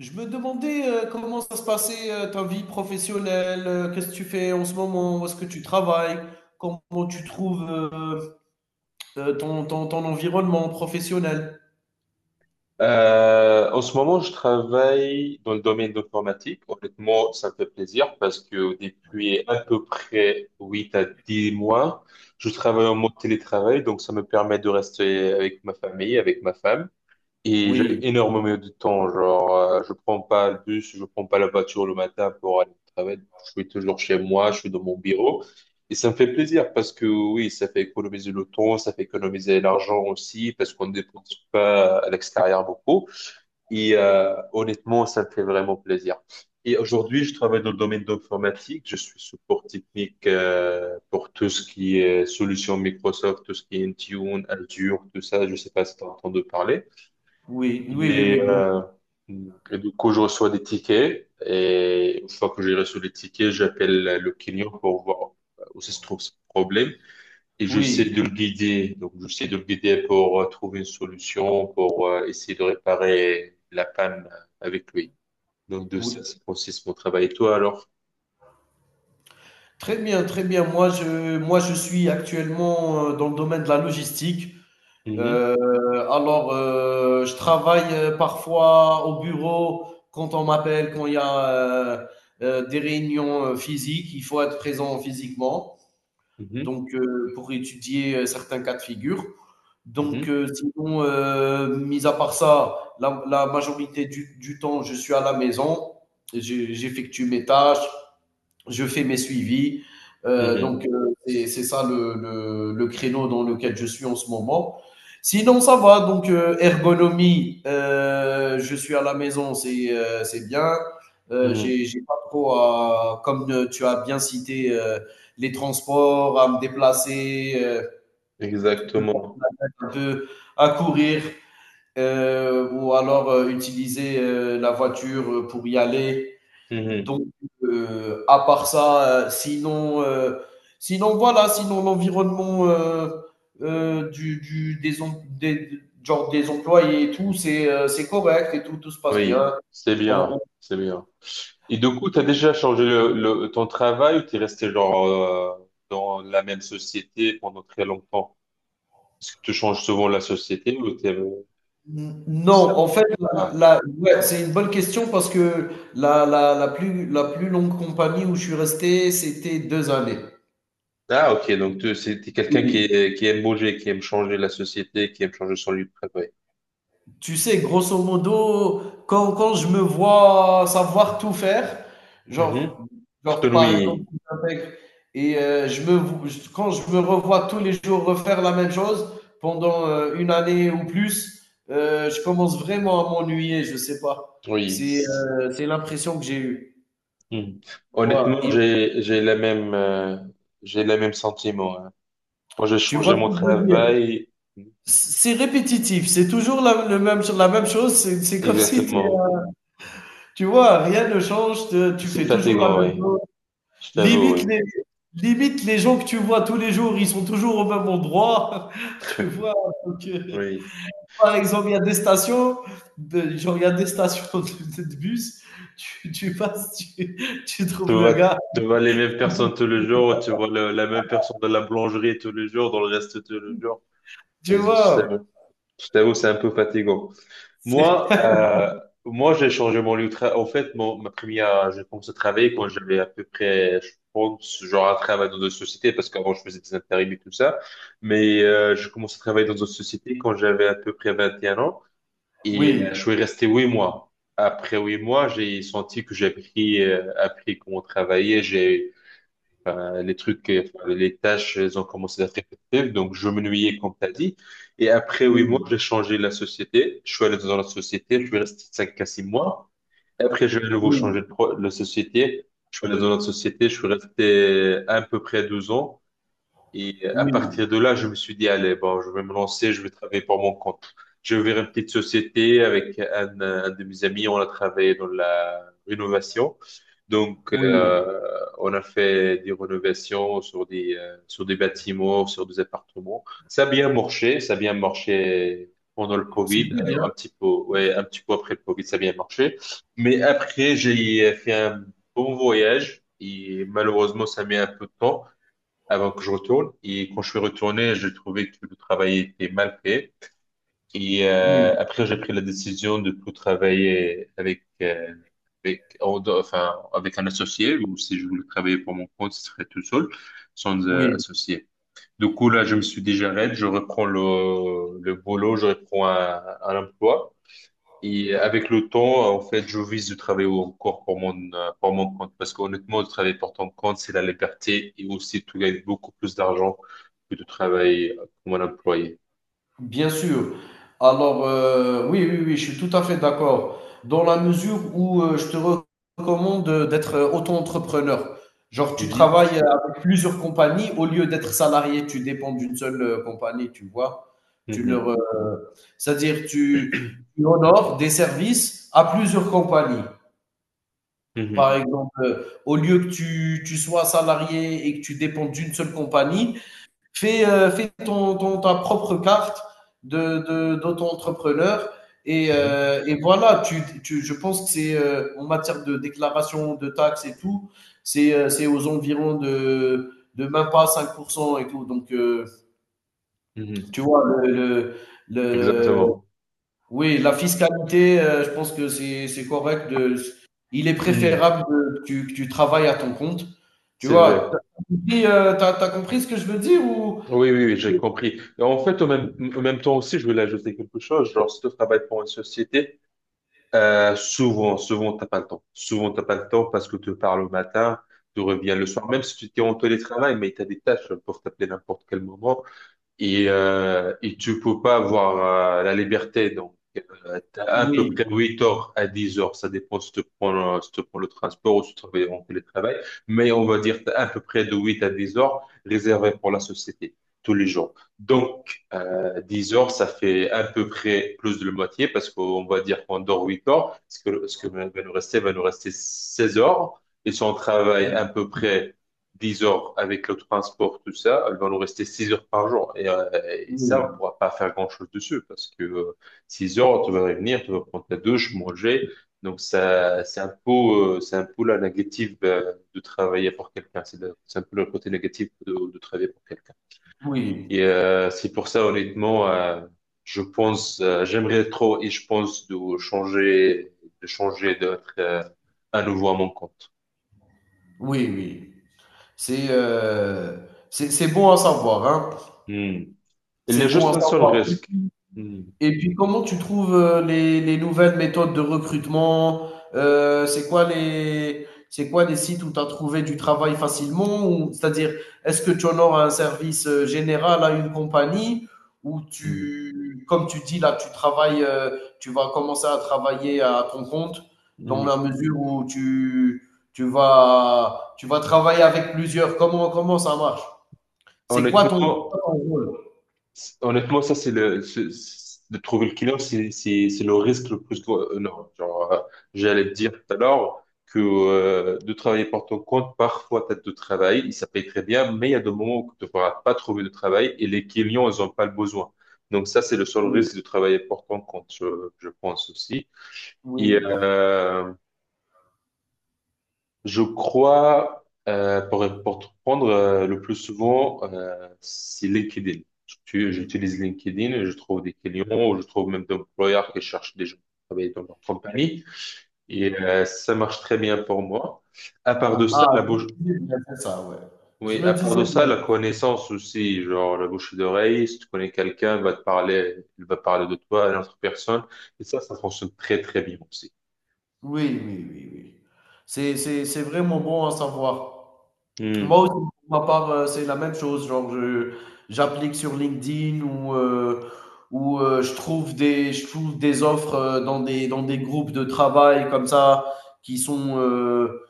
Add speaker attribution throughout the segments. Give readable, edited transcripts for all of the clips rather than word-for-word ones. Speaker 1: Je me demandais comment ça se passait, ta vie professionnelle, qu'est-ce que tu fais en ce moment, où est-ce que tu travailles, comment tu trouves ton environnement professionnel.
Speaker 2: En ce moment, je travaille dans le domaine d'informatique. Honnêtement, ça me fait plaisir parce que depuis à peu près 8 à 10 mois, je travaille en mode télétravail, donc ça me permet de rester avec ma famille, avec ma femme. Et j'ai
Speaker 1: Oui,
Speaker 2: énormément de temps, genre, je prends pas le bus, je prends pas la voiture le matin pour aller au travail. Je suis toujours chez moi, je suis dans mon bureau. Et ça me fait plaisir parce que oui, ça fait économiser le temps, ça fait économiser l'argent aussi parce qu'on ne dépense pas à l'extérieur beaucoup. Honnêtement, ça me fait vraiment plaisir. Et aujourd'hui, je travaille dans le domaine d'informatique. Je suis support technique pour tout ce qui est solution Microsoft, tout ce qui est Intune, Azure, tout ça. Je sais pas si tu as entendu parler. Il est,
Speaker 1: oui, bien.
Speaker 2: euh, et du coup, je reçois des tickets et une fois que j'ai reçu les tickets, j'appelle le client pour voir où se trouve ce problème et j'essaie
Speaker 1: Oui,
Speaker 2: de le guider. Donc, j'essaie de le guider pour trouver une solution, pour essayer de réparer la panne avec lui. Donc, de ça,
Speaker 1: oui.
Speaker 2: c'est consiste mon travail. Et toi, alors?
Speaker 1: Très bien, très bien. Moi, je suis actuellement dans le domaine de la logistique.
Speaker 2: Mhm,
Speaker 1: Euh, alors, je travaille parfois au bureau quand on m'appelle, quand il y a des réunions physiques, il faut être présent physiquement, donc pour étudier certains cas de figure.
Speaker 2: mhm,
Speaker 1: Sinon, mis à part ça, la majorité du temps, je suis à la maison. J'effectue mes tâches, je fais mes suivis.
Speaker 2: mhm,
Speaker 1: C'est ça le créneau dans lequel je suis en ce moment. Sinon, ça va. Ergonomie, je suis à la maison, c'est bien.
Speaker 2: mhm, mhm.
Speaker 1: J'ai pas trop à, comme tu as bien cité, les transports, à me déplacer, peut-être
Speaker 2: Exactement.
Speaker 1: un peu à courir, ou alors utiliser la voiture pour y aller. Donc,
Speaker 2: Mhm.
Speaker 1: à part ça, sinon voilà, sinon l'environnement euh, du, du- des, em- des, genre des employés et tout, c'est correct et tout, tout se passe bien.
Speaker 2: Oui, c'est
Speaker 1: On- on-
Speaker 2: bien, c'est bien. Et du coup, tu as déjà changé ton travail ou tu es resté genre, dans la même société pendant très longtemps? Est-ce que tu changes souvent la société ou t'es ça
Speaker 1: non,
Speaker 2: arrive
Speaker 1: en fait,
Speaker 2: pas?
Speaker 1: ouais, c'est une bonne question parce que la plus longue compagnie où je suis resté, c'était deux années.
Speaker 2: Ah, ok, donc tu c'est t'es quelqu'un qui,
Speaker 1: Oui.
Speaker 2: qui aime bouger, qui aime changer la société, qui aime changer son lieu de travail.
Speaker 1: Tu sais, grosso modo, quand je me vois savoir tout faire, genre,
Speaker 2: Mhm. Tout-
Speaker 1: genre par exemple,
Speaker 2: Oui,
Speaker 1: j'intègre et je me, vo- je- quand je me revois tous les jours refaire la même chose pendant une année ou plus, je commence vraiment à m'ennuyer, je sais pas.
Speaker 2: oui.
Speaker 1: C'est l'impression que j'ai eue.
Speaker 2: Mhm.
Speaker 1: Voilà.
Speaker 2: Honnêtement,
Speaker 1: Et
Speaker 2: j'ai la même, j'ai le même sentiment, hein. Moi, j'ai
Speaker 1: tu vois
Speaker 2: changé mon
Speaker 1: ce que je veux dire?
Speaker 2: travail.
Speaker 1: C'est répétitif, c'est toujours le même, la même chose, c'est comme si,
Speaker 2: Exactement.
Speaker 1: tu vois, rien ne change, tu
Speaker 2: C'est
Speaker 1: fais toujours la
Speaker 2: fatigant,
Speaker 1: même
Speaker 2: oui.
Speaker 1: chose.
Speaker 2: Je t'avoue,
Speaker 1: Limite
Speaker 2: oui.
Speaker 1: les Limite les gens que tu vois tous les jours, ils sont toujours au même endroit, tu vois? Donc,
Speaker 2: Oui.
Speaker 1: par exemple, il y a des stations il y a des stations de bus, tu passes, tu trouves le gars,
Speaker 2: Tu vois les mêmes personnes tous les jours, tu vois la même personne dans la boulangerie tous les jours, dans le resto tous les jours.
Speaker 1: tu
Speaker 2: Et je sais-
Speaker 1: vois?
Speaker 2: je t'avoue, c'est un peu fatigant.
Speaker 1: C'est
Speaker 2: Moi, j'ai changé mon lieu de travail. En fait, ma première, j'ai commencé à travailler quand j'avais à peu près, je pense, genre un travail dans une société, parce qu'avant, je faisais des intérims et tout ça. Mais j'ai commencé à travailler dans une société quand j'avais à peu près 21 ans. Et je
Speaker 1: oui,
Speaker 2: suis resté 8 mois. Après 8 mois, j'ai senti que j'ai appris, appris comment travailler. J'ai Enfin, les trucs, enfin, les tâches, elles ont commencé à être répétitives. Donc, je m'ennuyais, comme tu as dit. Et après 8 mois,
Speaker 1: oui,
Speaker 2: j'ai changé la société. Je suis allé dans la société. Je suis resté 5 à 6 mois. Et après, j'ai à nouveau changé
Speaker 1: oui,
Speaker 2: la société. Je suis allé dans la société. Je suis resté à peu près 12 ans. Et à
Speaker 1: oui,
Speaker 2: partir de là, je me suis dit, allez, bon, je vais me lancer, je vais travailler pour mon compte. J'ai ouvert une petite société avec un de mes amis, on a travaillé dans la rénovation. Donc,
Speaker 1: oui,
Speaker 2: on a fait des rénovations sur sur des bâtiments, sur des appartements. Ça a bien marché, ça a bien marché pendant le
Speaker 1: c'est
Speaker 2: Covid,
Speaker 1: bien,
Speaker 2: un petit peu, ouais, un petit peu après le Covid, ça a bien marché. Mais après, j'ai fait un bon voyage et malheureusement, ça met un peu de temps avant que je retourne. Et quand je suis retourné, j'ai trouvé que le travail était mal fait. Et euh,
Speaker 1: oui,
Speaker 2: après, j'ai pris la décision de plus travailler avec, enfin, avec un associé, ou si je voulais travailler pour mon compte, ce serait tout seul, sans
Speaker 1: oui.
Speaker 2: associé. Du coup, là, je me suis dit, j'arrête, je reprends le boulot, je reprends un emploi. Et avec le temps, en fait, je vise de travailler encore pour pour mon compte. Parce qu'honnêtement, de travailler pour ton compte, c'est la liberté et aussi tu gagnes beaucoup plus d'argent que de travailler comme un employé.
Speaker 1: Bien sûr. Alors, oui, je suis tout à fait d'accord. Dans la mesure où je te recommande d'être auto-entrepreneur. Genre, tu
Speaker 2: Mhm.
Speaker 1: travailles avec plusieurs compagnies au lieu d'être salarié, tu dépends d'une seule, compagnie, tu vois. Tu leur,
Speaker 2: Mhm.
Speaker 1: euh, C'est-à-dire, tu honores des services à plusieurs compagnies. Par
Speaker 2: Mhm.
Speaker 1: exemple, au lieu que tu sois salarié et que tu dépends d'une seule compagnie, fais, fais ta propre carte d'auto-entrepreneur.
Speaker 2: Mhm.
Speaker 1: Et voilà, je pense que c'est en matière de déclaration de taxes et tout, c'est aux environs de même pas 5% et tout. Donc,
Speaker 2: Mhm.
Speaker 1: tu vois, le- le-
Speaker 2: Exactement.
Speaker 1: oui, la fiscalité, je pense que c'est correct. Il est
Speaker 2: Mhm.
Speaker 1: préférable que tu travailles à ton compte. Tu
Speaker 2: C'est vrai.
Speaker 1: vois, t'as compris, t'as compris ce que je veux dire ou...
Speaker 2: Oui, oui, oui, j'ai compris. Et en fait, au même temps aussi, je voulais ajouter quelque chose. Genre, si tu travailles pour une société, souvent, t'as pas le temps. Souvent, t'as pas le temps parce que tu pars le matin, tu reviens le soir, même si tu es en télétravail, mais tu as des tâches, peuvent t'appeler n'importe quel moment et, et tu peux pas avoir la liberté. Donc, t'as à peu près
Speaker 1: Oui.
Speaker 2: 8 heures à 10 heures. Ça dépend si tu prends, si tu prends le transport ou si tu travailles en télétravail. Mais on va dire t'as à peu près de 8 à 10 heures réservées pour la société tous les jours. Donc, 10 heures, ça fait à peu près plus de la moitié parce qu'on va dire qu'on dort 8 heures. Ce que va nous rester 16 heures. Et si on travaille à peu près 10 heures avec le transport, tout ça, elle va nous rester 6 heures par jour. Et, ça, on ne
Speaker 1: Oui,
Speaker 2: pourra pas faire grand-chose dessus parce que 6 heures, tu vas revenir, tu vas prendre ta douche, manger. Donc, ça, c'est un peu la négative de travailler pour quelqu'un. C'est un peu le côté négatif de travailler pour quelqu'un.
Speaker 1: oui,
Speaker 2: C'est pour ça, honnêtement, je pense, j'aimerais trop et je pense de changer, d'être à nouveau à mon compte.
Speaker 1: oui, oui. C'est, c'est bon à savoir, hein.
Speaker 2: Hmm. Il y
Speaker 1: C'est
Speaker 2: a
Speaker 1: bon à
Speaker 2: juste un seul
Speaker 1: savoir.
Speaker 2: risque. Hmm.
Speaker 1: Et puis, comment tu trouves les nouvelles méthodes de recrutement? C'est quoi les sites où tu as trouvé du travail facilement? Ou, c'est-à-dire, est-ce que tu honores un service général à une compagnie ou
Speaker 2: Hmm.
Speaker 1: tu, comme tu dis là, tu travailles, tu vas commencer à travailler à ton compte dans
Speaker 2: Mhm.
Speaker 1: la mesure où tu vas travailler avec plusieurs. Comment ça marche? C'est quoi ton,
Speaker 2: Honnêtement,
Speaker 1: quoi ton rôle?
Speaker 2: ça, c'est de trouver le client, c'est le risque le plus gros. Non, genre, J'allais te dire tout à l'heure que, de travailler pour ton compte, parfois, t'as de travail, il ça paye très bien, mais il y a des moments où tu ne pourras pas trouver de travail et les clients, ils n'ont pas le besoin. Donc, ça, c'est le seul
Speaker 1: Oui,
Speaker 2: risque de travailler pour ton compte, je pense aussi. Et,
Speaker 1: oui.
Speaker 2: je crois, pour te prendre le plus souvent, c'est LinkedIn. J'utilise LinkedIn, et je trouve des clients, ou je trouve même des employeurs qui cherchent des gens qui travaillent dans leur compagnie. Et ça marche très bien pour moi. À part de
Speaker 1: Ah
Speaker 2: ça,
Speaker 1: ah,
Speaker 2: la
Speaker 1: je
Speaker 2: bouche,
Speaker 1: me disais bien, c'est ça, ouais. Je
Speaker 2: oui,
Speaker 1: me
Speaker 2: à part
Speaker 1: disais
Speaker 2: de ça,
Speaker 1: bien.
Speaker 2: la connaissance aussi, genre la bouche d'oreille, si tu connais quelqu'un, il va te parler, il va parler de toi à une autre personne. Et ça fonctionne très, très bien aussi.
Speaker 1: Oui, oui, oui, oui. C'est vraiment bon à savoir. Moi
Speaker 2: Hmm.
Speaker 1: aussi, pour ma part, c'est la même chose, genre je j'applique sur LinkedIn ou je trouve des offres, dans des groupes de travail comme ça qui sont,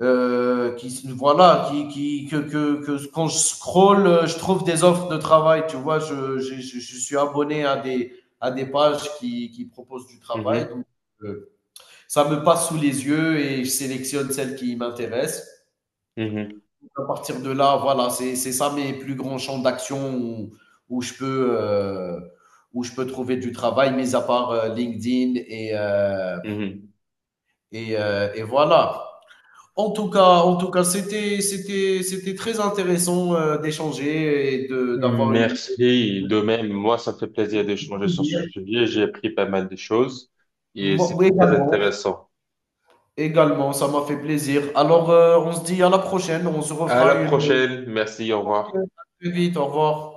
Speaker 1: qui voilà, que quand je scroll, je trouve des offres de travail. Tu vois, je suis abonné à des, à des pages qui proposent du travail.
Speaker 2: Mhm.
Speaker 1: Donc, euh, ça me passe sous les yeux et je sélectionne celles qui m'intéressent.
Speaker 2: Mhm.
Speaker 1: À partir de là, voilà, c'est ça mes plus grands champs d'action où, où je peux, où je peux trouver du travail, mis à part LinkedIn et euh,
Speaker 2: Mhm.
Speaker 1: et, euh, et voilà. En tout cas, c'était très intéressant d'échanger d'avoir une
Speaker 2: Merci.
Speaker 1: idée.
Speaker 2: De même, moi, ça me fait plaisir d'échanger sur ce sujet. J'ai appris pas mal de choses et
Speaker 1: Moi
Speaker 2: c'était très
Speaker 1: également,
Speaker 2: intéressant.
Speaker 1: également, ça m'a fait plaisir. Alors, on se dit à la prochaine, on se
Speaker 2: À
Speaker 1: refera
Speaker 2: la
Speaker 1: une
Speaker 2: prochaine. Merci. Au revoir.
Speaker 1: à très vite, au revoir.